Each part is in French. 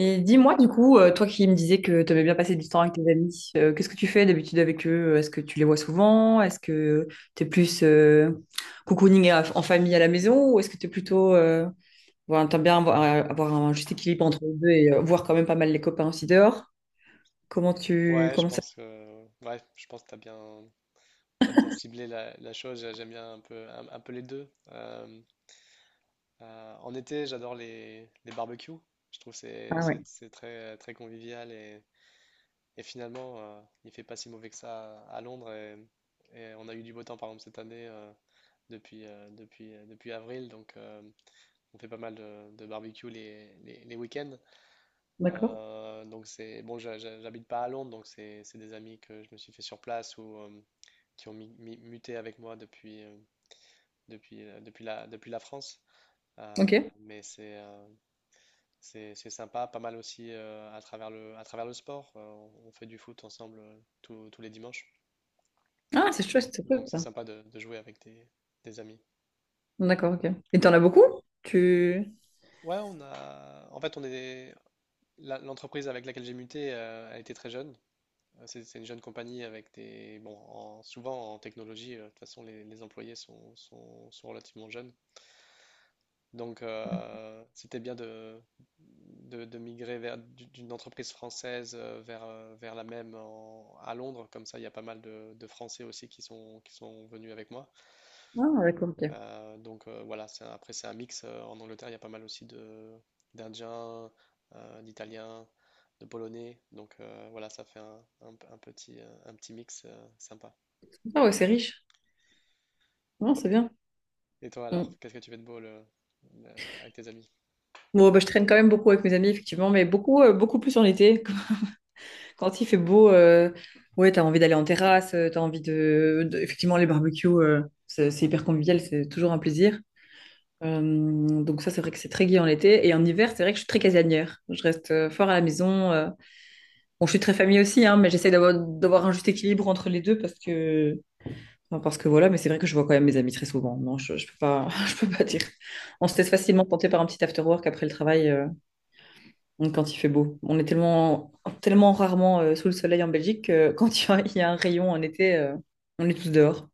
Et dis-moi du coup, toi qui me disais que tu aimais bien passer du temps avec tes amis, qu'est-ce que tu fais d'habitude avec eux? Est-ce que tu les vois souvent? Est-ce que tu es plus cocooning en famille à la maison ou est-ce que tu es plutôt... voilà, t'aimes bien avoir, avoir un juste équilibre entre les deux et voir quand même pas mal les copains aussi dehors? Comment tu... Ouais, je Comment ça... pense que ouais, je pense que t'as bien ciblé la chose. J'aime bien un peu un peu les deux. En été, j'adore les barbecues. Je trouve que c'est Ah ouais, c'est c'est très très convivial et finalement il fait pas si mauvais que ça à Londres et on a eu du beau temps par exemple cette année depuis avril donc on fait pas mal de barbecues les week-ends. d'accord. Donc c'est bon, j'habite pas à Londres, donc c'est des amis que je me suis fait sur place ou qui ont muté avec moi depuis la France. Ok. Mais c'est sympa, pas mal aussi à à travers le sport. On fait du foot ensemble tous les dimanches. Ah, c'est chouette, c'est Donc chouette. c'est Ça. sympa de jouer avec des amis. D'accord, ok. Et t'en as beaucoup? Tu... Ouais, on a. En fait, on est. L'entreprise avec laquelle j'ai muté a été très jeune. C'est une jeune compagnie avec des. Bon, souvent en technologie, de toute façon, les employés sont relativement jeunes. Donc, c'était bien de migrer vers d'une entreprise française vers la même à Londres. Comme ça, il y a pas mal de Français aussi qui sont venus avec moi. Ah, d'accord, ok. Donc voilà, c'est après, c'est un mix. En Angleterre, il y a pas mal aussi d'Indiens, d'Italiens, de Polonais. Donc voilà, ça fait un petit mix sympa. Ah ouais, c'est riche. Non, c'est bien. Et toi alors, Mm. qu'est-ce que tu fais de beau le- avec tes amis? Bon, bah, je traîne quand même beaucoup avec mes amis, effectivement, mais beaucoup, beaucoup plus en été. Quand il fait beau, ouais, t'as envie d'aller en terrasse, t'as envie Effectivement, les barbecues, c'est hyper convivial, c'est toujours un plaisir. Euh, donc ça, c'est vrai que c'est très gai en été. Et en hiver, c'est vrai que je suis très casanière. Je reste fort à la maison. Bon, je suis très famille aussi, hein, mais j'essaie d'avoir un juste équilibre entre les deux parce que... enfin, parce que voilà, mais c'est vrai que je vois quand même mes amis très souvent. Non, je peux pas, je peux pas dire. On se laisse facilement tenter par un petit after work après le travail. Mm, quand il fait beau. On est tellement, tellement rarement sous le soleil en Belgique que quand il y a un rayon en été, on est tous dehors.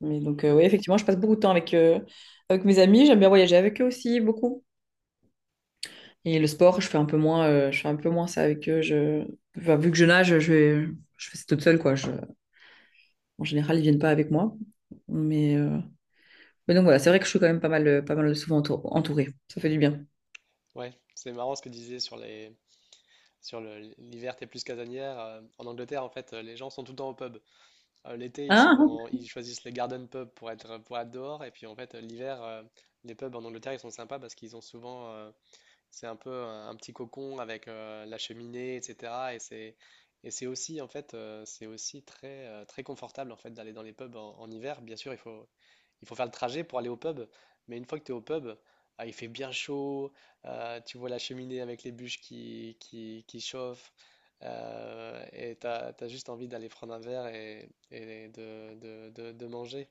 Mais donc, oui, effectivement, je passe beaucoup de temps avec, avec mes amis. J'aime bien voyager avec eux aussi, beaucoup. Et le sport, je fais un peu moins, je fais un peu moins ça avec eux. Je... enfin, vu que je nage, je fais ça toute seule, quoi. Je... En général, ils viennent pas avec moi. Mais, euh, mais donc voilà, c'est vrai que je suis quand même pas mal, pas mal souvent entourée. Ça fait du bien. Ouais, c'est marrant ce que tu disais sur l'hiver, t'es plus casanière. En Angleterre, en fait, les gens sont tout le temps au pub. L'été, Ah, ils choisissent les garden pubs pour être dehors. Et puis, en fait, l'hiver, les pubs en Angleterre, ils sont sympas parce qu'ils ont souvent, c'est un peu un petit cocon avec la cheminée, etc. Et c'est aussi, en fait, c'est aussi très confortable, en fait, d'aller dans les pubs en hiver. Bien sûr, il faut faire le trajet pour aller au pub. Mais une fois que tu es au pub, ah, il fait bien chaud. Tu vois la cheminée avec les bûches qui chauffent, et tu as juste envie d'aller prendre un verre et de manger.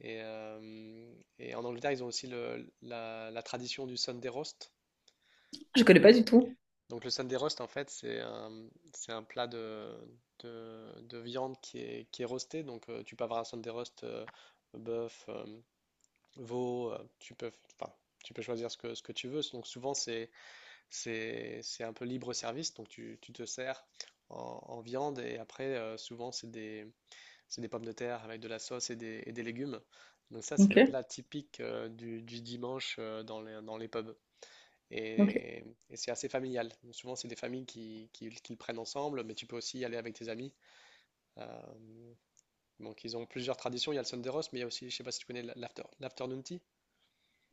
Et, euh, et en Angleterre, ils ont aussi la tradition du Sunday roast. je connais pas du tout. Donc le Sunday roast, en fait, c'est un plat de viande qui est roasté. Donc tu peux avoir un Sunday roast bœuf, veau, enfin, tu peux choisir ce que tu veux. Donc souvent c'est un peu libre service, donc tu te sers en viande, et après souvent c'est des pommes de terre avec de la sauce et des légumes. Donc ça c'est le Ok, plat typique du dimanche dans les pubs. ok. Et, et c'est assez familial. Souvent c'est des familles qui le prennent ensemble, mais tu peux aussi y aller avec tes amis. Euh, donc ils ont plusieurs traditions. Il y a le Sunday roast, mais il y a aussi, je ne sais pas si tu connais l'afternoon tea.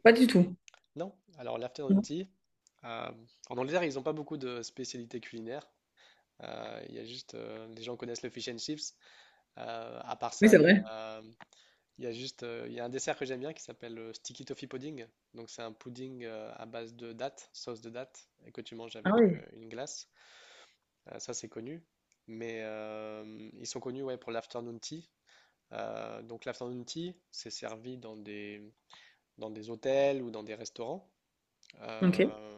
Pas du tout. Non, alors l'afternoon Non. tea, euh, en Angleterre, ils n'ont pas beaucoup de spécialités culinaires. Il y a les gens connaissent le fish and chips. À part Oui, ça, c'est vrai. Il y a juste, il y a un dessert que j'aime bien qui s'appelle le sticky toffee pudding. Donc c'est un pudding à base de dattes, sauce de dattes, et que tu manges Ah avec oui. une glace. Ça c'est connu. Mais ils sont connus, ouais, pour l'afternoon tea. Donc l'afternoon tea, c'est servi dans des hôtels ou dans des restaurants. Ok, Euh,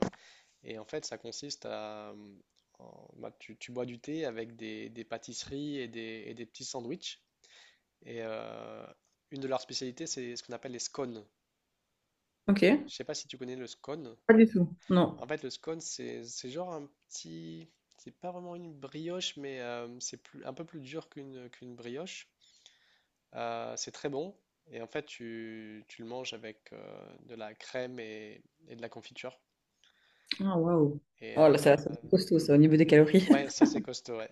Et en fait, ça consiste à bah, tu bois du thé avec des pâtisseries et des petits sandwichs. Et euh, une de leurs spécialités, c'est ce qu'on appelle les scones. ok. Je sais pas si tu connais le scone. Pas du tout. Non. En fait, le scone, c'est genre un petit. C'est pas vraiment une brioche, mais c'est un peu plus dur qu'une brioche. C'est très bon. Et en fait, tu le manges avec de la crème et de la confiture. Ah, waouh. Et Oh là, ça, euh, ça doit être costaud, ça, au niveau des calories. ouais, ça c'est costaud, ouais.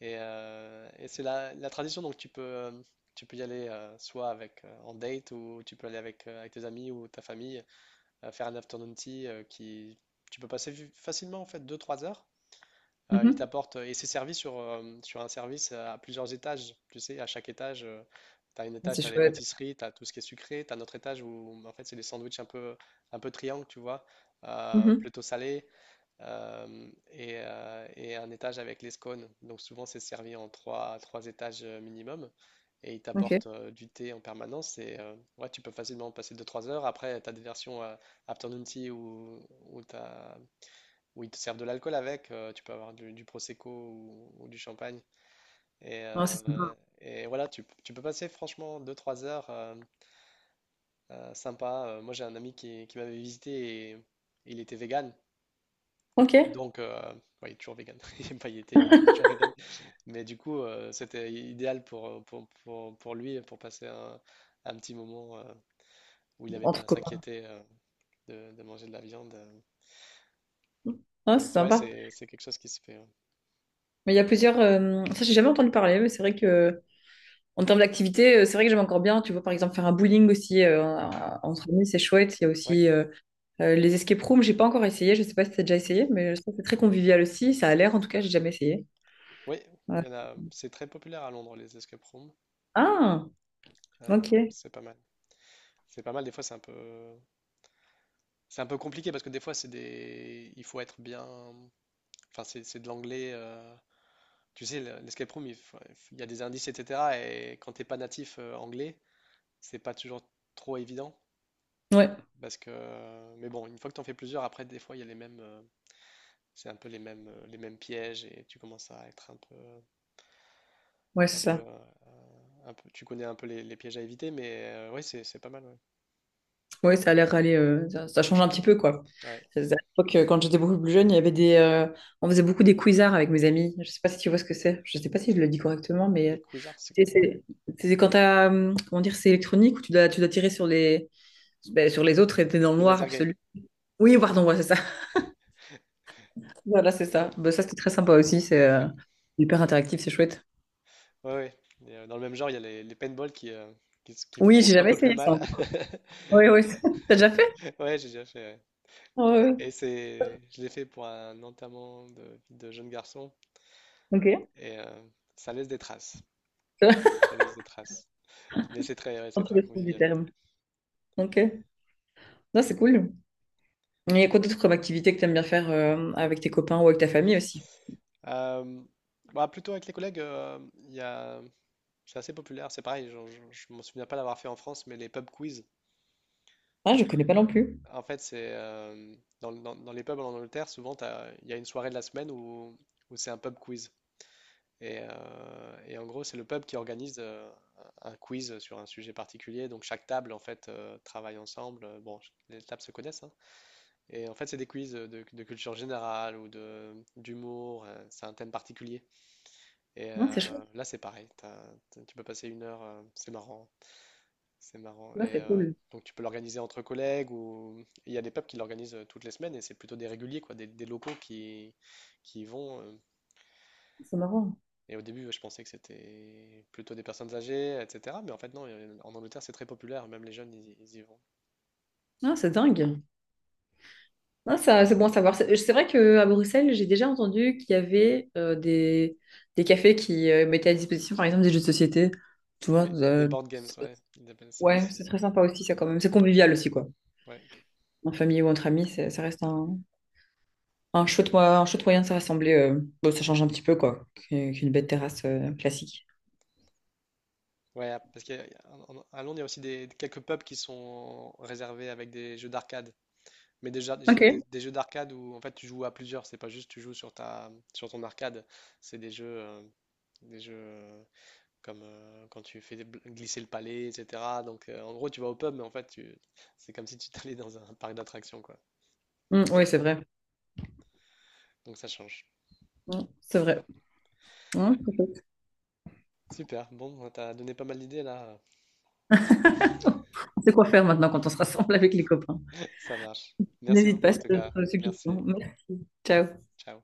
Et c'est la tradition, donc tu peux y aller soit en date ou tu peux aller avec tes amis ou ta famille faire un afternoon tea qui tu peux passer facilement en fait deux trois heures. Ils Mhm. t'apportent et c'est servi sur un service à plusieurs étages. Tu sais, à chaque étage, tu as un étage, C'est tu as les chouette. pâtisseries, tu as tout ce qui est sucré, tu as un autre étage où en fait c'est des sandwichs un peu triangle, tu vois, Mhm. plutôt salé, et un étage avec les scones. Donc souvent c'est servi en trois étages minimum, et ils Ok. t'apportent du thé en permanence et ouais, tu peux facilement passer deux trois heures. Après, tu as des versions afternoon tea où, t'as- où ils te servent de l'alcool tu peux avoir du prosecco ou du champagne. Et, Ah, c'est sympa. euh, et voilà, tu peux passer franchement deux trois heures sympa. Moi j'ai un ami qui m'avait visité et il était vegan. Ok. Donc, ouais, il est toujours vegan. Il aime pas, il est toujours vegan. Mais du coup, c'était idéal pour lui, pour passer un petit moment où il n'avait pas Entre à copains. s'inquiéter de manger de la viande. Ah, Donc, c'est ouais, sympa. c'est quelque chose qui se fait. Mais il y a plusieurs. Ça, j'ai jamais entendu parler, mais c'est vrai que en termes d'activité, c'est vrai que j'aime encore bien. Tu vois, par exemple, faire un bowling aussi entre amis, c'est chouette. Il y a Ouais, aussi les escape rooms. J'ai pas encore essayé. Je sais pas si t'as déjà essayé, mais je trouve que c'est très convivial aussi. Ça a l'air, en tout cas, j'ai jamais essayé. ouais, il Ouais. y en a. C'est très populaire à Londres, les escape rooms. Ah, ok. C'est pas mal. C'est pas mal. Des fois, c'est un peu compliqué parce que des fois, il faut être bien. Enfin, c'est de l'anglais. Tu sais, l'escape room, il y a des indices, etc. Et quand t'es pas natif anglais, c'est pas toujours trop évident. Ouais, Parce que, mais bon, une fois que t'en fais plusieurs, après, des fois, il y a les mêmes, c'est un peu les mêmes pièges et tu commences à être ouais, c'est un peu, ça. euh, un peu, tu connais un peu les pièges à éviter. Mais ouais, c'est pas mal. Ouais. Oui, ça a l'air d'aller. Ça, ça change un petit peu, quoi. Ouais. À l'époque, quand j'étais beaucoup plus jeune, il y avait des, on faisait beaucoup des quizards avec mes amis. Je sais pas si tu vois ce que c'est. Je sais pas si je le dis correctement, mais Des quizards, c'est c'est- c'est quand t'as, comment dire, c'est électronique où tu dois tirer sur les, ben, sur les autres et t'es dans le les noir laser games. absolu. Oui, pardon, ouais, c'est ça. Voilà, c'est ça. Ben, ça, c'était très sympa aussi. C'est Ouais, hyper interactif, c'est chouette. ouais, ouais. Dans le même genre, il y a les paintball qui Oui, font j'ai un jamais peu plus essayé ça mal. encore. Oui, oui. T'as déjà fait? Ouais, j'ai déjà fait, ouais. Oui, oui. Je l'ai fait pour un enterrement de jeune garçon Ok. et ça laisse des traces. Ça laisse des traces. Mais c'est très, ouais, c'est Dans tous très les sens du convivial. terme. Ok. Non, c'est cool. Il y a quoi d'autre comme activité que tu aimes bien faire avec tes copains ou avec ta famille aussi? Euh, Bah, plutôt avec les collègues, il y a, c'est assez populaire. C'est pareil, je m'en souviens pas l'avoir fait en France, mais les pub quiz. Ah, je connais pas non plus. En fait, c'est dans les pubs en Angleterre, souvent il y a une soirée de la semaine où c'est un pub quiz. Et en gros, c'est le pub qui organise un quiz sur un sujet particulier. Donc chaque table, en fait, travaille ensemble. Bon, les tables se connaissent, hein. Et en fait, c'est des quiz de culture générale ou de d'humour. C'est un thème particulier. Ah, c'est chouette. Là, c'est pareil. Tu peux passer une heure. C'est marrant. C'est marrant. Ouais, c'est cool. Donc, tu peux l'organiser entre collègues ou il y a des pubs qui l'organisent toutes les semaines et c'est plutôt des réguliers, quoi, des locaux qui y vont. C'est marrant. Et au début, je pensais que c'était plutôt des personnes âgées, etc. Mais en fait, non, en Angleterre, c'est très populaire, même les jeunes, ils y vont. Ah, c'est dingue. Ah, ça, c'est bon à savoir. C'est vrai qu'à Bruxelles, j'ai déjà entendu qu'il y avait des cafés qui mettaient à disposition, par exemple, des jeux de société. Tu Oui, vois, des board games, ouais, ils appellent ça ouais, ici, c'est ouais. très sympa aussi, ça quand même. C'est convivial aussi, quoi. Ouais, En famille ou entre amis, c'est- ça reste un chouette, un chouette moyen de se rassembler. Bon, ça change un petit peu, quoi, qu'une bête terrasse classique. Ouais, ah, parce qu'à Londres, il y a aussi quelques pubs qui sont réservés avec des jeux d'arcade. Mais Ok. des jeux d'arcade où en fait tu joues à plusieurs, c'est pas juste tu joues sur ton arcade, c'est des jeux comme quand tu fais glisser le palais, etc. Donc en gros tu vas au pub, mais en fait tu c'est comme si tu t'allais dans un parc d'attractions, quoi. Mm, oui, c'est vrai. Donc ça change. Mm, c'est vrai. Hein, peut-être. Super. Bon, t'as donné pas mal d'idées là. On sait quoi faire maintenant quand on se rassemble avec les copains. Ça marche. Merci N'hésite beaucoup pas en sur tout cas. d'autres Merci. suggestions. Merci. Ciao. Ciao.